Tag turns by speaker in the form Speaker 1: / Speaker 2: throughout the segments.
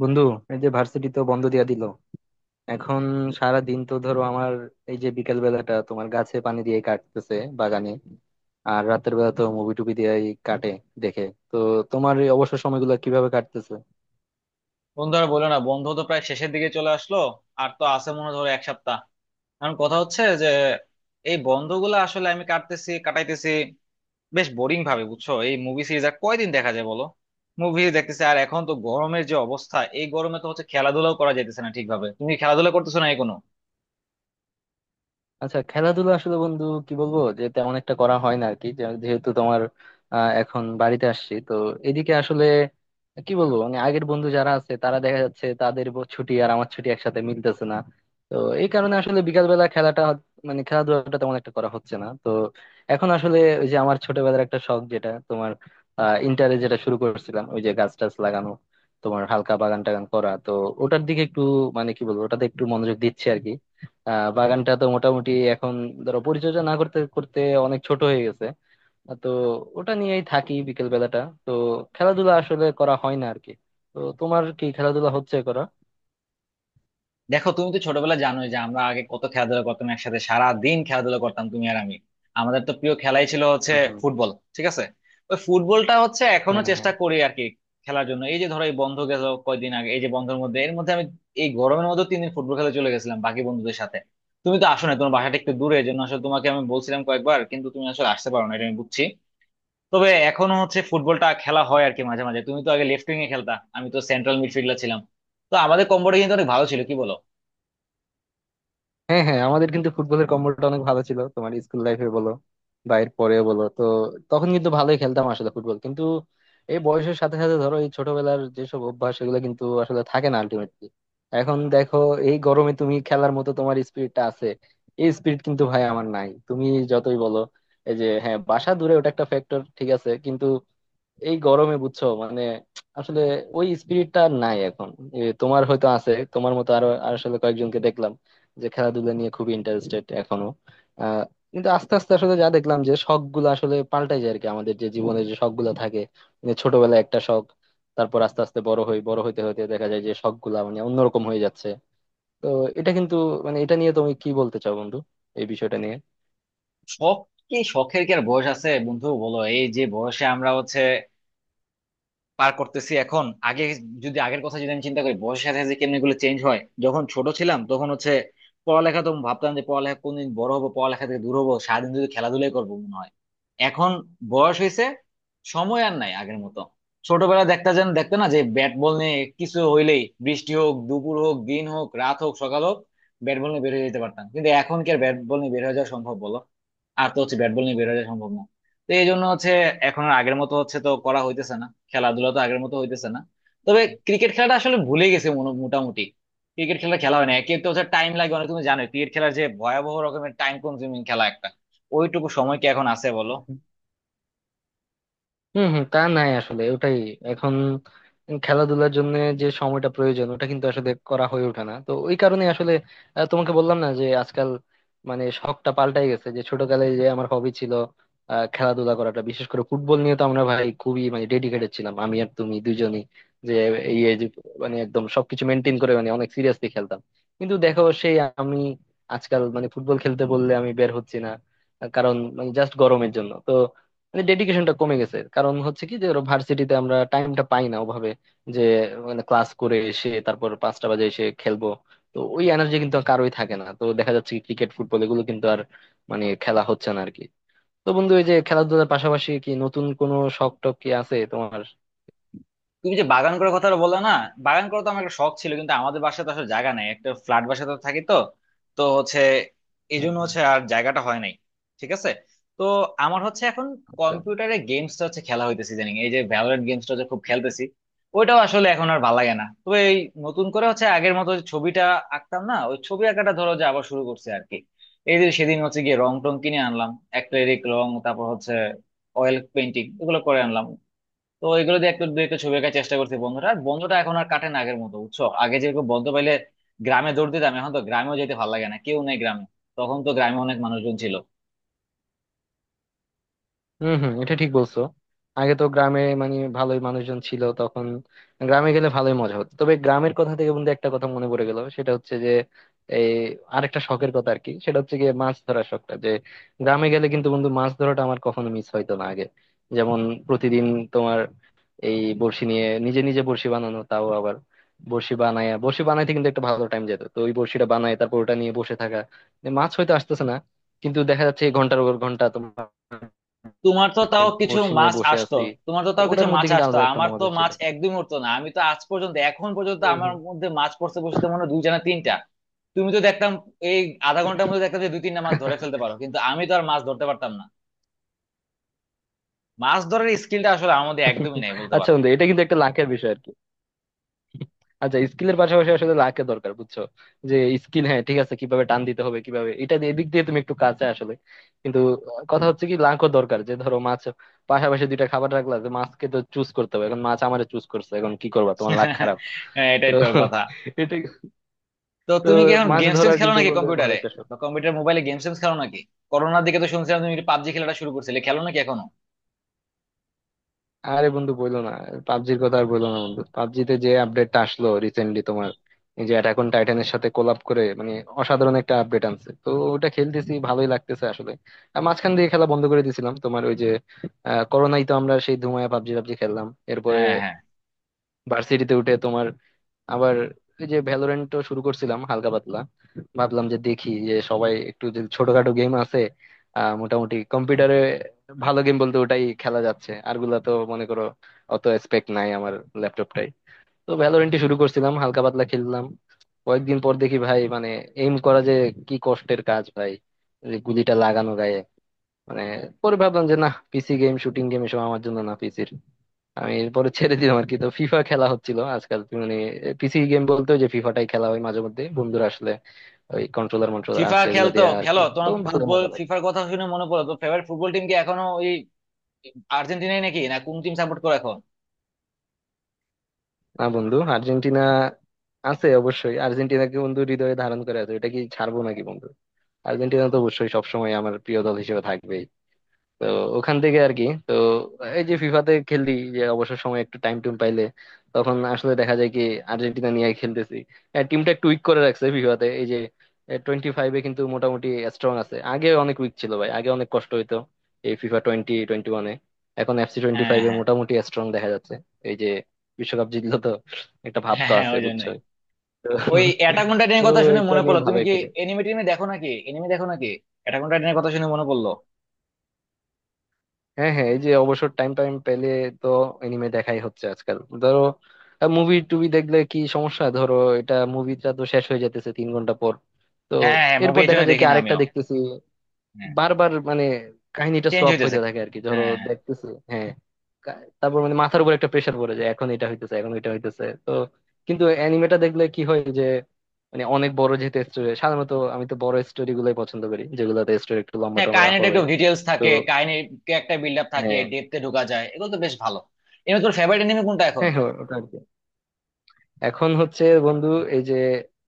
Speaker 1: বন্ধু, এই যে ভার্সিটি তো বন্ধ দিয়া দিল এখন। সারা দিন তো ধরো আমার এই যে বিকেল বেলাটা তোমার গাছে পানি দিয়ে কাটতেছে বাগানে, আর রাতের বেলা তো মুভি টুভি দিয়ে কাটে, দেখে। তো তোমার এই অবসর সময়গুলো কিভাবে কাটতেছে?
Speaker 2: বন্ধু, আর বলো না, বন্ধ তো প্রায় শেষের দিকে চলে আসলো। আর তো আছে মনে হয় ধরো এক সপ্তাহ। এখন কথা হচ্ছে যে এই বন্ধগুলো আসলে আমি কাটাইতেছি বেশ বোরিং ভাবে, বুঝছো? এই মুভি সিরিজ আর কয়দিন দেখা যায় বলো। মুভি দেখতেছি, আর এখন তো গরমের যে অবস্থা, এই গরমে তো হচ্ছে খেলাধুলাও করা যাইতেছে না ঠিকভাবে। তুমি কি খেলাধুলা করতেছো না এখনো?
Speaker 1: আচ্ছা, খেলাধুলা আসলে বন্ধু কি বলবো, যে তেমন একটা করা হয় না আর কি। যেহেতু তোমার এখন বাড়িতে আসছি তো এদিকে, আসলে কি বলবো, মানে আগের বন্ধু যারা আছে তারা দেখা যাচ্ছে তাদের ছুটি আর আমার ছুটি একসাথে মিলতেছে না। তো এই কারণে আসলে বিকাল বেলা খেলাটা মানে খেলাধুলাটা তেমন একটা করা হচ্ছে না তো। এখন আসলে ওই যে আমার ছোটবেলার একটা শখ, যেটা তোমার ইন্টারে যেটা শুরু করেছিলাম, ওই যে গাছ টাছ লাগানো, তোমার হালকা বাগান টাগান করা তো, ওটার দিকে একটু মানে কি বলবো, ওটাতে একটু মনোযোগ দিচ্ছে আর কি। বাগানটা তো মোটামুটি এখন ধরো পরিচর্যা না করতে করতে অনেক ছোট হয়ে গেছে। তো ওটা নিয়েই থাকি বিকেল বেলাটা। তো খেলাধুলা আসলে করা হয় না আর কি। তো তোমার কি খেলাধুলা হচ্ছে করা?
Speaker 2: দেখো, তুমি তো ছোটবেলা জানোই যে আমরা আগে কত খেলাধুলা করতাম, একসাথে সারা দিন খেলাধুলা করতাম তুমি আর আমি। আমাদের তো প্রিয় খেলাই ছিল হচ্ছে
Speaker 1: হুম, হুম।
Speaker 2: ফুটবল, ঠিক আছে? ওই ফুটবলটা হচ্ছে এখনো
Speaker 1: হ্যাঁ, হ্যাঁ।
Speaker 2: চেষ্টা করি আর কি খেলার জন্য। এই যে ধরো এই বন্ধ গেল কয়দিন আগে, এই যে বন্ধের মধ্যে, এর মধ্যে আমি এই গরমের মধ্যে 3 দিন ফুটবল খেলে চলে গেছিলাম বাকি বন্ধুদের সাথে। তুমি তো আসো না, তোমার বাসাটা একটু দূরে, এই জন্য আসলে তোমাকে আমি বলছিলাম কয়েকবার, কিন্তু তুমি আসলে আসতে পারো না, এটা আমি বুঝছি। তবে এখনো হচ্ছে ফুটবলটা খেলা হয় আর কি মাঝে মাঝে। তুমি তো আগে লেফট উইং এ খেলতা, আমি তো সেন্ট্রাল মিডফিল্ডার ছিলাম। তো আমাদের কম্বোটা কিন্তু অনেক ভালো ছিল, কিন্তু কিন্তু অনেক ভালো ছিল, কি বলো?
Speaker 1: হ্যাঁ, হ্যাঁ, আমাদের কিন্তু ফুটবলের কম্বোটা অনেক ভালো ছিল তোমার স্কুল লাইফে বলো বা এর পরেও বলো। তো তখন কিন্তু ভালোই খেলতাম আসলে ফুটবল, কিন্তু এই বয়সের সাথে সাথে ধরো এই ছোটবেলার যেসব অভ্যাস সেগুলো কিন্তু আসলে থাকে না আলটিমেটলি। এখন দেখো, এই গরমে তুমি খেলার মতো তোমার স্পিরিটটা আছে। এই স্পিরিট কিন্তু ভাই আমার নাই, তুমি যতই বলো। এই যে হ্যাঁ, বাসা দূরে ওটা একটা ফ্যাক্টর ঠিক আছে, কিন্তু এই গরমে বুঝছো, মানে আসলে ওই স্পিরিটটা আর নাই এখন। তোমার হয়তো আছে, তোমার মতো আরো আর আসলে কয়েকজনকে দেখলাম যে খেলাধুলা নিয়ে খুবই ইন্টারেস্টেড এখনো। আহ কিন্তু আস্তে আস্তে আসলে যা দেখলাম, যে শখ গুলো আসলে পাল্টাই যায় আর কি। আমাদের যে জীবনের যে শখ গুলো থাকে, মানে ছোটবেলায় একটা শখ, তারপর আস্তে আস্তে বড় হই, বড় হইতে হইতে দেখা যায় যে শখ গুলা মানে অন্যরকম হয়ে যাচ্ছে। তো এটা কিন্তু, মানে এটা নিয়ে তুমি কি বলতে চাও বন্ধু, এই বিষয়টা নিয়ে?
Speaker 2: শখ, কি শখের কি আর বয়স আছে বন্ধু বলো? এই যে বয়সে আমরা হচ্ছে পার করতেছি এখন, আগে যদি আগের কথা যদি আমি চিন্তা করি, বয়সের সাথে সাথে কেমনি গুলো চেঞ্জ হয়। যখন ছোট ছিলাম তখন হচ্ছে পড়ালেখা তো ভাবতাম যে পড়ালেখা কোনদিন বড় হবো পড়ালেখা থেকে দূর হবো, সারাদিন যদি খেলাধুলাই করবো মনে হয়। এখন বয়স হয়েছে, সময় আর নাই আগের মতো। ছোটবেলা দেখতে যেন দেখতে না, যে ব্যাট বল নিয়ে কিছু হইলেই, বৃষ্টি হোক দুপুর হোক দিন হোক রাত হোক সকাল হোক, ব্যাট বল নিয়ে বের হয়ে যেতে পারতাম, কিন্তু এখন কি আর ব্যাট বল নিয়ে বের হয়ে যাওয়া সম্ভব বলো? আর তো হচ্ছে ব্যাট বল নিয়ে বের হয়ে যাওয়া সম্ভব না। তো এই জন্য হচ্ছে এখন আর আগের মতো হচ্ছে তো করা হইতেছে না, খেলাধুলা তো আগের মতো হইতেছে না। তবে ক্রিকেট খেলাটা আসলে ভুলে গেছে মোটামুটি। ক্রিকেট খেলা খেলা হয় না, একে তো হচ্ছে টাইম লাগে অনেক, তুমি জানো ক্রিকেট খেলার যে ভয়াবহ রকমের টাইম কনজিউমিং খেলা একটা। ওইটুকু সময় কি এখন আছে বলো?
Speaker 1: হম, হম। তা নাই আসলে, ওটাই এখন। খেলাধুলার জন্য যে সময়টা প্রয়োজন ওটা কিন্তু আসলে করা হয়ে ওঠে না তো। ওই কারণে আসলে তোমাকে বললাম না যে আজকাল মানে শখটা পাল্টাই গেছে, যে ছোটকালে যে আমার হবি ছিল খেলাধুলা করাটা, বিশেষ করে ফুটবল নিয়ে তো আমরা ভাই খুবই মানে ডেডিকেটেড ছিলাম, আমি আর তুমি দুজনই। যে এই এই যে, মানে একদম সবকিছু মেনটেন করে মানে অনেক সিরিয়াসলি খেলতাম। কিন্তু দেখো সেই আমি আজকাল মানে ফুটবল খেলতে বললে আমি বের হচ্ছি না, কারণ মানে জাস্ট গরমের জন্য তো। মানে ডেডিকেশনটা কমে গেছে, কারণ হচ্ছে কি যে ওরা ভার্সিটিতে আমরা টাইমটা পাই না ওভাবে, যে মানে ক্লাস করে এসে তারপর 5টা বাজে এসে খেলবো। তো ওই এনার্জি কিন্তু আর কারোই থাকে না। তো দেখা যাচ্ছে কি ক্রিকেট ফুটবল এগুলো কিন্তু আর মানে খেলা হচ্ছে না আর কি। তো বন্ধু, এই যে খেলাধুলার পাশাপাশি কি নতুন কোনো শখ টখ কি আছে তোমার?
Speaker 2: তুমি যে বাগান করার কথাটা বললে না, বাগান করা তো আমার একটা শখ ছিল, কিন্তু আমাদের বাসায় তো আসলে জায়গা নাই, একটা ফ্ল্যাট বাসায় তো থাকি তো, তো হচ্ছে এই
Speaker 1: হম,
Speaker 2: জন্য
Speaker 1: হম।
Speaker 2: হচ্ছে আর জায়গাটা হয় নাই। ঠিক আছে। তো আমার হচ্ছে এখন
Speaker 1: আচ্ছা।
Speaker 2: কম্পিউটারে গেমসটা হচ্ছে খেলা হইতেছে জানি, এই যে ভ্যালোরেন্ট গেমসটা হচ্ছে খুব খেলতেছি। ওইটাও আসলে এখন আর ভালো লাগে না। তবে এই নতুন করে হচ্ছে আগের মতো যে ছবিটা আঁকতাম না, ওই ছবি আঁকাটা ধরো যে আবার শুরু করছে আর কি। এই যে সেদিন হচ্ছে গিয়ে রং টং কিনে আনলাম, অ্যাক্রিলিক রং, তারপর হচ্ছে অয়েল পেন্টিং, এগুলো করে আনলাম। তো এগুলো দিয়ে একটু দুই একটা ছবি আঁকার চেষ্টা করছি। বন্ধুরা, বন্ধটা এখন আর কাটে না আগের মতো, বুঝছো? আগে যেরকম বন্ধ পাইলে গ্রামে দৌড় দিতাম, এখন তো গ্রামেও যেতে ভালো লাগে না, কেউ নেই গ্রামে। তখন তো গ্রামে অনেক মানুষজন ছিল।
Speaker 1: হম, হম, এটা ঠিক বলছো। আগে তো গ্রামে মানে ভালোই মানুষজন ছিল তখন, গ্রামে গেলে ভালোই মজা হতো। তবে গ্রামের কথা থেকে বন্ধু একটা কথা মনে পড়ে গেল, সেটা হচ্ছে যে এই আরেকটা শখের কথা আর কি। সেটা হচ্ছে গিয়ে মাছ ধরার শখটা, যে গ্রামে গেলে কিন্তু বন্ধু মাছ ধরাটা আমার কখনো মিস হইতো না আগে। যেমন প্রতিদিন তোমার এই বড়শি নিয়ে নিজে নিজে বড়শি বানানো, তাও আবার বড়শি বানায়। বড়শি বানাইতে কিন্তু একটা ভালো টাইম যেত তো। ওই বড়শিটা বানায় তারপর ওটা নিয়ে বসে থাকা, যে মাছ হয়তো আসতেছে না, কিন্তু দেখা যাচ্ছে ঘন্টার পর ঘন্টা তোমার
Speaker 2: তোমার তো তাও কিছু
Speaker 1: বড়শি নিয়ে
Speaker 2: মাছ
Speaker 1: বসে
Speaker 2: আসতো,
Speaker 1: আছি।
Speaker 2: তোমার তো
Speaker 1: তো
Speaker 2: তাও কিছু
Speaker 1: ওটার মধ্যে
Speaker 2: মাছ
Speaker 1: কিন্তু
Speaker 2: আসতো।
Speaker 1: আলাদা একটা
Speaker 2: আমার তো
Speaker 1: মজা ছিল।
Speaker 2: মাছ একদমই উঠতো না। আমি তো আজ পর্যন্ত এখন পর্যন্ত
Speaker 1: হুম,
Speaker 2: আমার
Speaker 1: হুম।
Speaker 2: মধ্যে মাছ পড়তে বসতে মনে হয় দুই জানা তিনটা। তুমি তো দেখতাম এই আধা ঘন্টার মধ্যে দেখতাম যে দুই তিনটা মাছ ধরে ফেলতে পারো, কিন্তু আমি তো আর মাছ ধরতে পারতাম না। মাছ ধরার স্কিলটা আসলে আমাদের একদমই নাই বলতে
Speaker 1: আচ্ছা
Speaker 2: পারো।
Speaker 1: বন্ধু, এটা কিন্তু একটা লাখের বিষয় আর কি। আচ্ছা, স্কিলের পাশাপাশি আসলে লাখের দরকার, বুঝছো? যে স্কিল হ্যাঁ ঠিক আছে, কিভাবে টান দিতে হবে, কিভাবে এটা দিয়ে এদিক দিয়ে তুমি একটু কাছে আসলে, কিন্তু কথা হচ্ছে কি লাখও দরকার। যে ধরো মাছ পাশাপাশি দুইটা খাবার রাখলা, যে মাছকে তো চুজ করতে হবে। এখন মাছ আমারে চুজ করছে, এখন কি করবা? তোমার লাখ খারাপ।
Speaker 2: হ্যাঁ,
Speaker 1: তো
Speaker 2: এটাই তো কথা।
Speaker 1: এটা
Speaker 2: তো
Speaker 1: তো
Speaker 2: তুমি কি এখন
Speaker 1: মাছ
Speaker 2: গেমস টেমস
Speaker 1: ধরার
Speaker 2: খেলো
Speaker 1: কিন্তু
Speaker 2: নাকি
Speaker 1: বলতে ভালো
Speaker 2: কম্পিউটারে?
Speaker 1: একটা শখ।
Speaker 2: বা কম্পিউটার মোবাইলে গেমস টেমস খেলো নাকি? করোনার দিকে তো শুনছিলাম তুমি পাবজি খেলাটা শুরু করছিলে, খেলো নাকি এখনো?
Speaker 1: আরে বন্ধু বইলো না! পাবজির কথা আর বইলো না বন্ধু। পাবজিতে যে আপডেটটা আসলো রিসেন্টলি তোমার, এই যে অ্যাটাক অন টাইটানের সাথে কোলাব করে, মানে অসাধারণ একটা আপডেট আনছে তো। ওটা খেলতেছি, ভালোই লাগতেছে আসলে। আর মাঝখান দিয়ে খেলা বন্ধ করে দিয়েছিলাম তোমার, ওই যে করোনায় তো আমরা সেই ধুমায় পাবজি পাবজি খেললাম। এরপরে
Speaker 2: হ্যাঁ হ্যাঁ।
Speaker 1: ভার্সিটিতে উঠে তোমার আবার ওই যে ভ্যালোরেন্টও শুরু করছিলাম হালকা পাতলা। ভাবলাম যে দেখি, যে সবাই একটু, যে ছোটখাটো গেম আছে মোটামুটি কম্পিউটারে ভালো গেম বলতে ওটাই খেলা যাচ্ছে, আরগুলা তো মনে করো অত স্পেক নাই আমার ল্যাপটপটাই। তো ভ্যালোরেন্টই শুরু করছিলাম, হালকা পাতলা খেললাম। কয়েকদিন পর দেখি ভাই, মানে এইম করা যে কি কষ্টের কাজ ভাই! যে গুলিটা লাগানো গায়ে মানে, পরে ভাবলাম যে না, পিসি গেম শুটিং গেম এসব আমার জন্য না, পিসির। আমি এরপরে ছেড়ে দিলাম আর কি। তো ফিফা খেলা হচ্ছিল আজকাল তুমি মানে, পিসি গেম বলতে ওই যে ফিফাটাই খেলা হয় মাঝে মধ্যে বন্ধুরা আসলে। ওই কন্ট্রোলার মন্ট্রোলার
Speaker 2: ফিফা
Speaker 1: আছে এগুলো
Speaker 2: খেলতো
Speaker 1: দিয়ে আর
Speaker 2: খেলো,
Speaker 1: কি,
Speaker 2: তোমার
Speaker 1: তখন ভালো
Speaker 2: ফুটবল
Speaker 1: মজা লাগে।
Speaker 2: ফিফার কথা শুনে মনে পড়লো। তো ফেভারিট ফুটবল টিম কি এখনো ওই আর্জেন্টিনাই নাকি, না কোন টিম সাপোর্ট করো এখন?
Speaker 1: না বন্ধু, আর্জেন্টিনা আছে অবশ্যই। আর্জেন্টিনাকে বন্ধু হৃদয়ে ধারণ করে আছে, ওটা কি ছাড়বো নাকি বন্ধু? আর্জেন্টিনা তো অবশ্যই সবসময় আমার প্রিয় দল হিসেবে থাকবে। তো ওখান থেকে আর কি। তো এই যে ফিফাতে খেললি, যে অবসর সময় একটু টাইম টুম পাইলে, তখন আসলে দেখা যায় কি আর্জেন্টিনা নিয়ে খেলতেছি। টিমটা একটু উইক করে রাখছে ফিফাতে, এই যে 25-এ কিন্তু মোটামুটি স্ট্রং আছে। আগে অনেক উইক ছিল ভাই, আগে অনেক কষ্ট হইতো এই ফিফা 2021-এ। এখন এফসি টোয়েন্টি
Speaker 2: হ্যাঁ
Speaker 1: ফাইভে
Speaker 2: হ্যাঁ।
Speaker 1: মোটামুটি স্ট্রং দেখা যাচ্ছে। এই যে বিশ্বকাপ জিতলো তো একটা ভাব
Speaker 2: হ্যাঁ
Speaker 1: তো
Speaker 2: হ্যাঁ,
Speaker 1: আছে,
Speaker 2: ওই
Speaker 1: বুঝছো।
Speaker 2: জন্যই।
Speaker 1: তো
Speaker 2: ওই অ্যাটাক অন
Speaker 1: তো
Speaker 2: টাইটানের কথা শুনে
Speaker 1: এটা
Speaker 2: মনে
Speaker 1: নিয়ে
Speaker 2: পড়লো, তুমি
Speaker 1: ভালোই
Speaker 2: কি
Speaker 1: খেলে।
Speaker 2: এনিমে টিমে দেখো নাকি, এনিমে দেখো নাকি? অ্যাটাক অন টাইটানের কথা শুনে মনে পড়লো।
Speaker 1: হ্যাঁ, হ্যাঁ। এই যে অবসর টাইম টাইম পেলে তো এনিমে দেখাই হচ্ছে আজকাল। ধরো মুভি টুবি দেখলে কি সমস্যা, ধরো এটা মুভিটা তো শেষ হয়ে যেতেছে 3 ঘন্টা পর। তো
Speaker 2: হ্যাঁ হ্যাঁ, মুভি
Speaker 1: এরপর
Speaker 2: এই জন্য
Speaker 1: দেখা যায় কি
Speaker 2: দেখি না
Speaker 1: আরেকটা
Speaker 2: আমিও।
Speaker 1: দেখতেছি।
Speaker 2: হ্যাঁ,
Speaker 1: বারবার মানে কাহিনীটা
Speaker 2: চেঞ্জ
Speaker 1: সোয়াপ
Speaker 2: হইতেছে।
Speaker 1: হইতে থাকে আর কি, ধরো
Speaker 2: হ্যাঁ হ্যাঁ।
Speaker 1: দেখতেছি। হ্যাঁ। কা- তারপর মানে মাথার উপর একটা প্রেশার পড়ে যায়, এখন এটা হইতেছে এখন এটা হইতেছে তো। কিন্তু অ্যানিমেটা দেখলে কি হয় যে মানে অনেক বড় যেহেতু স্টোরি, সাধারণত আমি তো বড় স্টোরি গুলোই পছন্দ করি, যেগুলোতে স্টোরি একটু লম্বা
Speaker 2: হ্যাঁ,
Speaker 1: টম্বা
Speaker 2: কাহিনীটা
Speaker 1: হবে
Speaker 2: একটু ডিটেলস
Speaker 1: তো।
Speaker 2: থাকে, কাহিনীর একটা বিল্ড আপ থাকে,
Speaker 1: হ্যাঁ,
Speaker 2: ডেপথে ঢোকা যায়, এগুলো তো বেশ ভালো। এমনি তোর ফেভারিট এনিমে কোনটা এখন?
Speaker 1: হ্যাঁ। হ্যাঁ, ওটা এখন হচ্ছে বন্ধু, এই যে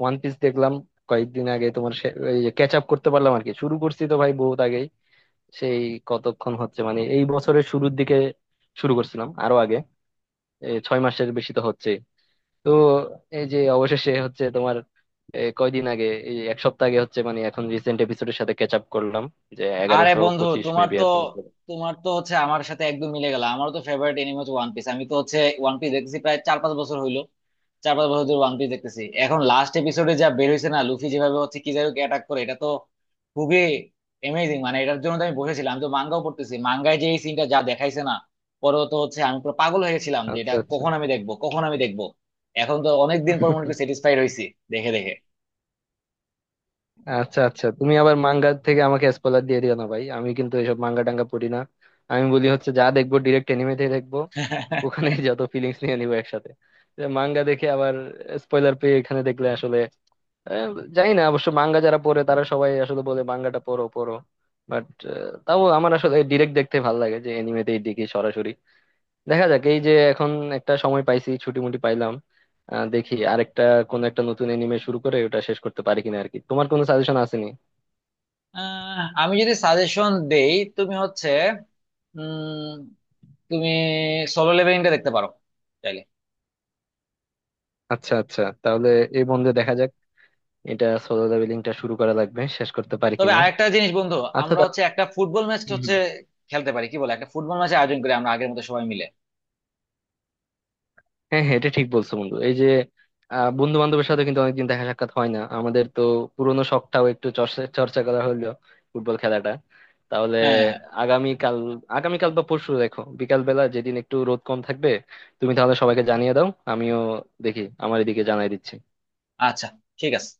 Speaker 1: ওয়ান পিস দেখলাম কয়েকদিন আগে তোমার এই যে ক্যাচ আপ করতে পারলাম আর কি। শুরু করছি তো ভাই বহুত আগেই, সেই কতক্ষণ হচ্ছে মানে এই বছরের শুরুর দিকে শুরু করছিলাম, আরো আগে, এই 6 মাসের বেশি তো হচ্ছে। তো এই যে অবশেষে হচ্ছে তোমার কয়দিন আগে, এই 1 সপ্তাহ আগে হচ্ছে মানে, এখন রিসেন্ট এপিসোডের সাথে ক্যাচ আপ করলাম, যে
Speaker 2: আরে
Speaker 1: এগারোশো
Speaker 2: বন্ধু,
Speaker 1: পঁচিশ
Speaker 2: তোমার
Speaker 1: মেবি
Speaker 2: তো,
Speaker 1: এখন।
Speaker 2: তোমার তো হচ্ছে আমার সাথে একদম মিলে গেল, আমারও তো ফেভারিট এনিমে হচ্ছে ওয়ান পিস। আমি তো হচ্ছে ওয়ান পিস দেখতেছি প্রায় 4-5 বছর হইলো, 4-5 বছর ধরে ওয়ান পিস দেখতেছি। এখন লাস্ট এপিসোডে যা বের হয়েছে না, লুফি যেভাবে হচ্ছে কিজারুকে অ্যাটাক করে, এটা তো খুবই অ্যামেজিং। মানে এটার জন্য তো আমি বসেছিলাম, আমি তো মাঙ্গাও পড়তেছি, মাঙ্গায় যে এই সিনটা যা দেখাইছে না, পরে তো হচ্ছে আমি পুরো পাগল হয়ে গেছিলাম যে এটা
Speaker 1: আচ্ছা,
Speaker 2: কখন আমি দেখবো, কখন আমি দেখবো। এখন তো অনেকদিন পর মনে
Speaker 1: আচ্ছা।
Speaker 2: স্যাটিসফাইড হয়েছি দেখে দেখে।
Speaker 1: আচ্ছা, আচ্ছা, তুমি আবার মাঙ্গা থেকে আমাকে স্পয়লার দিয়ে দিও না ভাই, আমি কিন্তু এইসব মাঙ্গা টাঙ্গা পড়ি না। আমি বলি হচ্ছে যা দেখবো ডিরেক্ট এনিমে থেকে দেখবো, ওখানেই যত ফিলিংস নিয়ে নিবো একসাথে। মাঙ্গা দেখে আবার স্পয়লার পেয়ে এখানে দেখলে আসলে আহ, জানি না অবশ্য, মাঙ্গা যারা পড়ে তারা সবাই আসলে বলে মাঙ্গাটা পড়ো পড়ো। বাট তাও আমার আসলে ডিরেক্ট দেখতে ভালো লাগে, যে এনিমেতেই দেখি সরাসরি। দেখা যাক এই যে এখন একটা সময় পাইছি, ছুটি মুটি পাইলাম, দেখি আরেকটা কোন একটা নতুন এনিমে শুরু করে ওটা শেষ করতে পারি কিনা আর কি। তোমার কোনো সাজেশন আসেনি?
Speaker 2: আহ, আমি যদি সাজেশন দেই, তুমি হচ্ছে উম তুমি সোলো লেভেলিংটা দেখতে পারো চাইলে।
Speaker 1: আচ্ছা, আচ্ছা, তাহলে এই বন্ধে দেখা যাক, এটা সোলো লেভেলিংটা শুরু করা লাগবে, শেষ করতে পারি
Speaker 2: তবে
Speaker 1: কিনা।
Speaker 2: আরেকটা জিনিস বন্ধু,
Speaker 1: আচ্ছা
Speaker 2: আমরা হচ্ছে
Speaker 1: তাহলে।
Speaker 2: একটা ফুটবল ম্যাচ
Speaker 1: হুম,
Speaker 2: হচ্ছে
Speaker 1: হুম।
Speaker 2: খেলতে পারি, কি বলে, একটা ফুটবল ম্যাচ আয়োজন করি আমরা আগের মতো সবাই মিলে?
Speaker 1: হ্যাঁ, হ্যাঁ, এটা ঠিক বলছো বন্ধু। এই যে বন্ধু বান্ধবের সাথে কিন্তু অনেকদিন দেখা সাক্ষাৎ হয় না আমাদের তো, পুরোনো শখটাও একটু চর্চা চর্চা করা হলো, ফুটবল খেলাটা। তাহলে
Speaker 2: হ্যাঁ হ্যাঁ।
Speaker 1: আগামীকাল আগামীকাল বা পরশু দেখো, বিকাল বেলা যেদিন একটু রোদ কম থাকবে। তুমি তাহলে সবাইকে জানিয়ে দাও, আমিও দেখি আমার এদিকে জানাই দিচ্ছি।
Speaker 2: আচ্ছা, ঠিক আছে।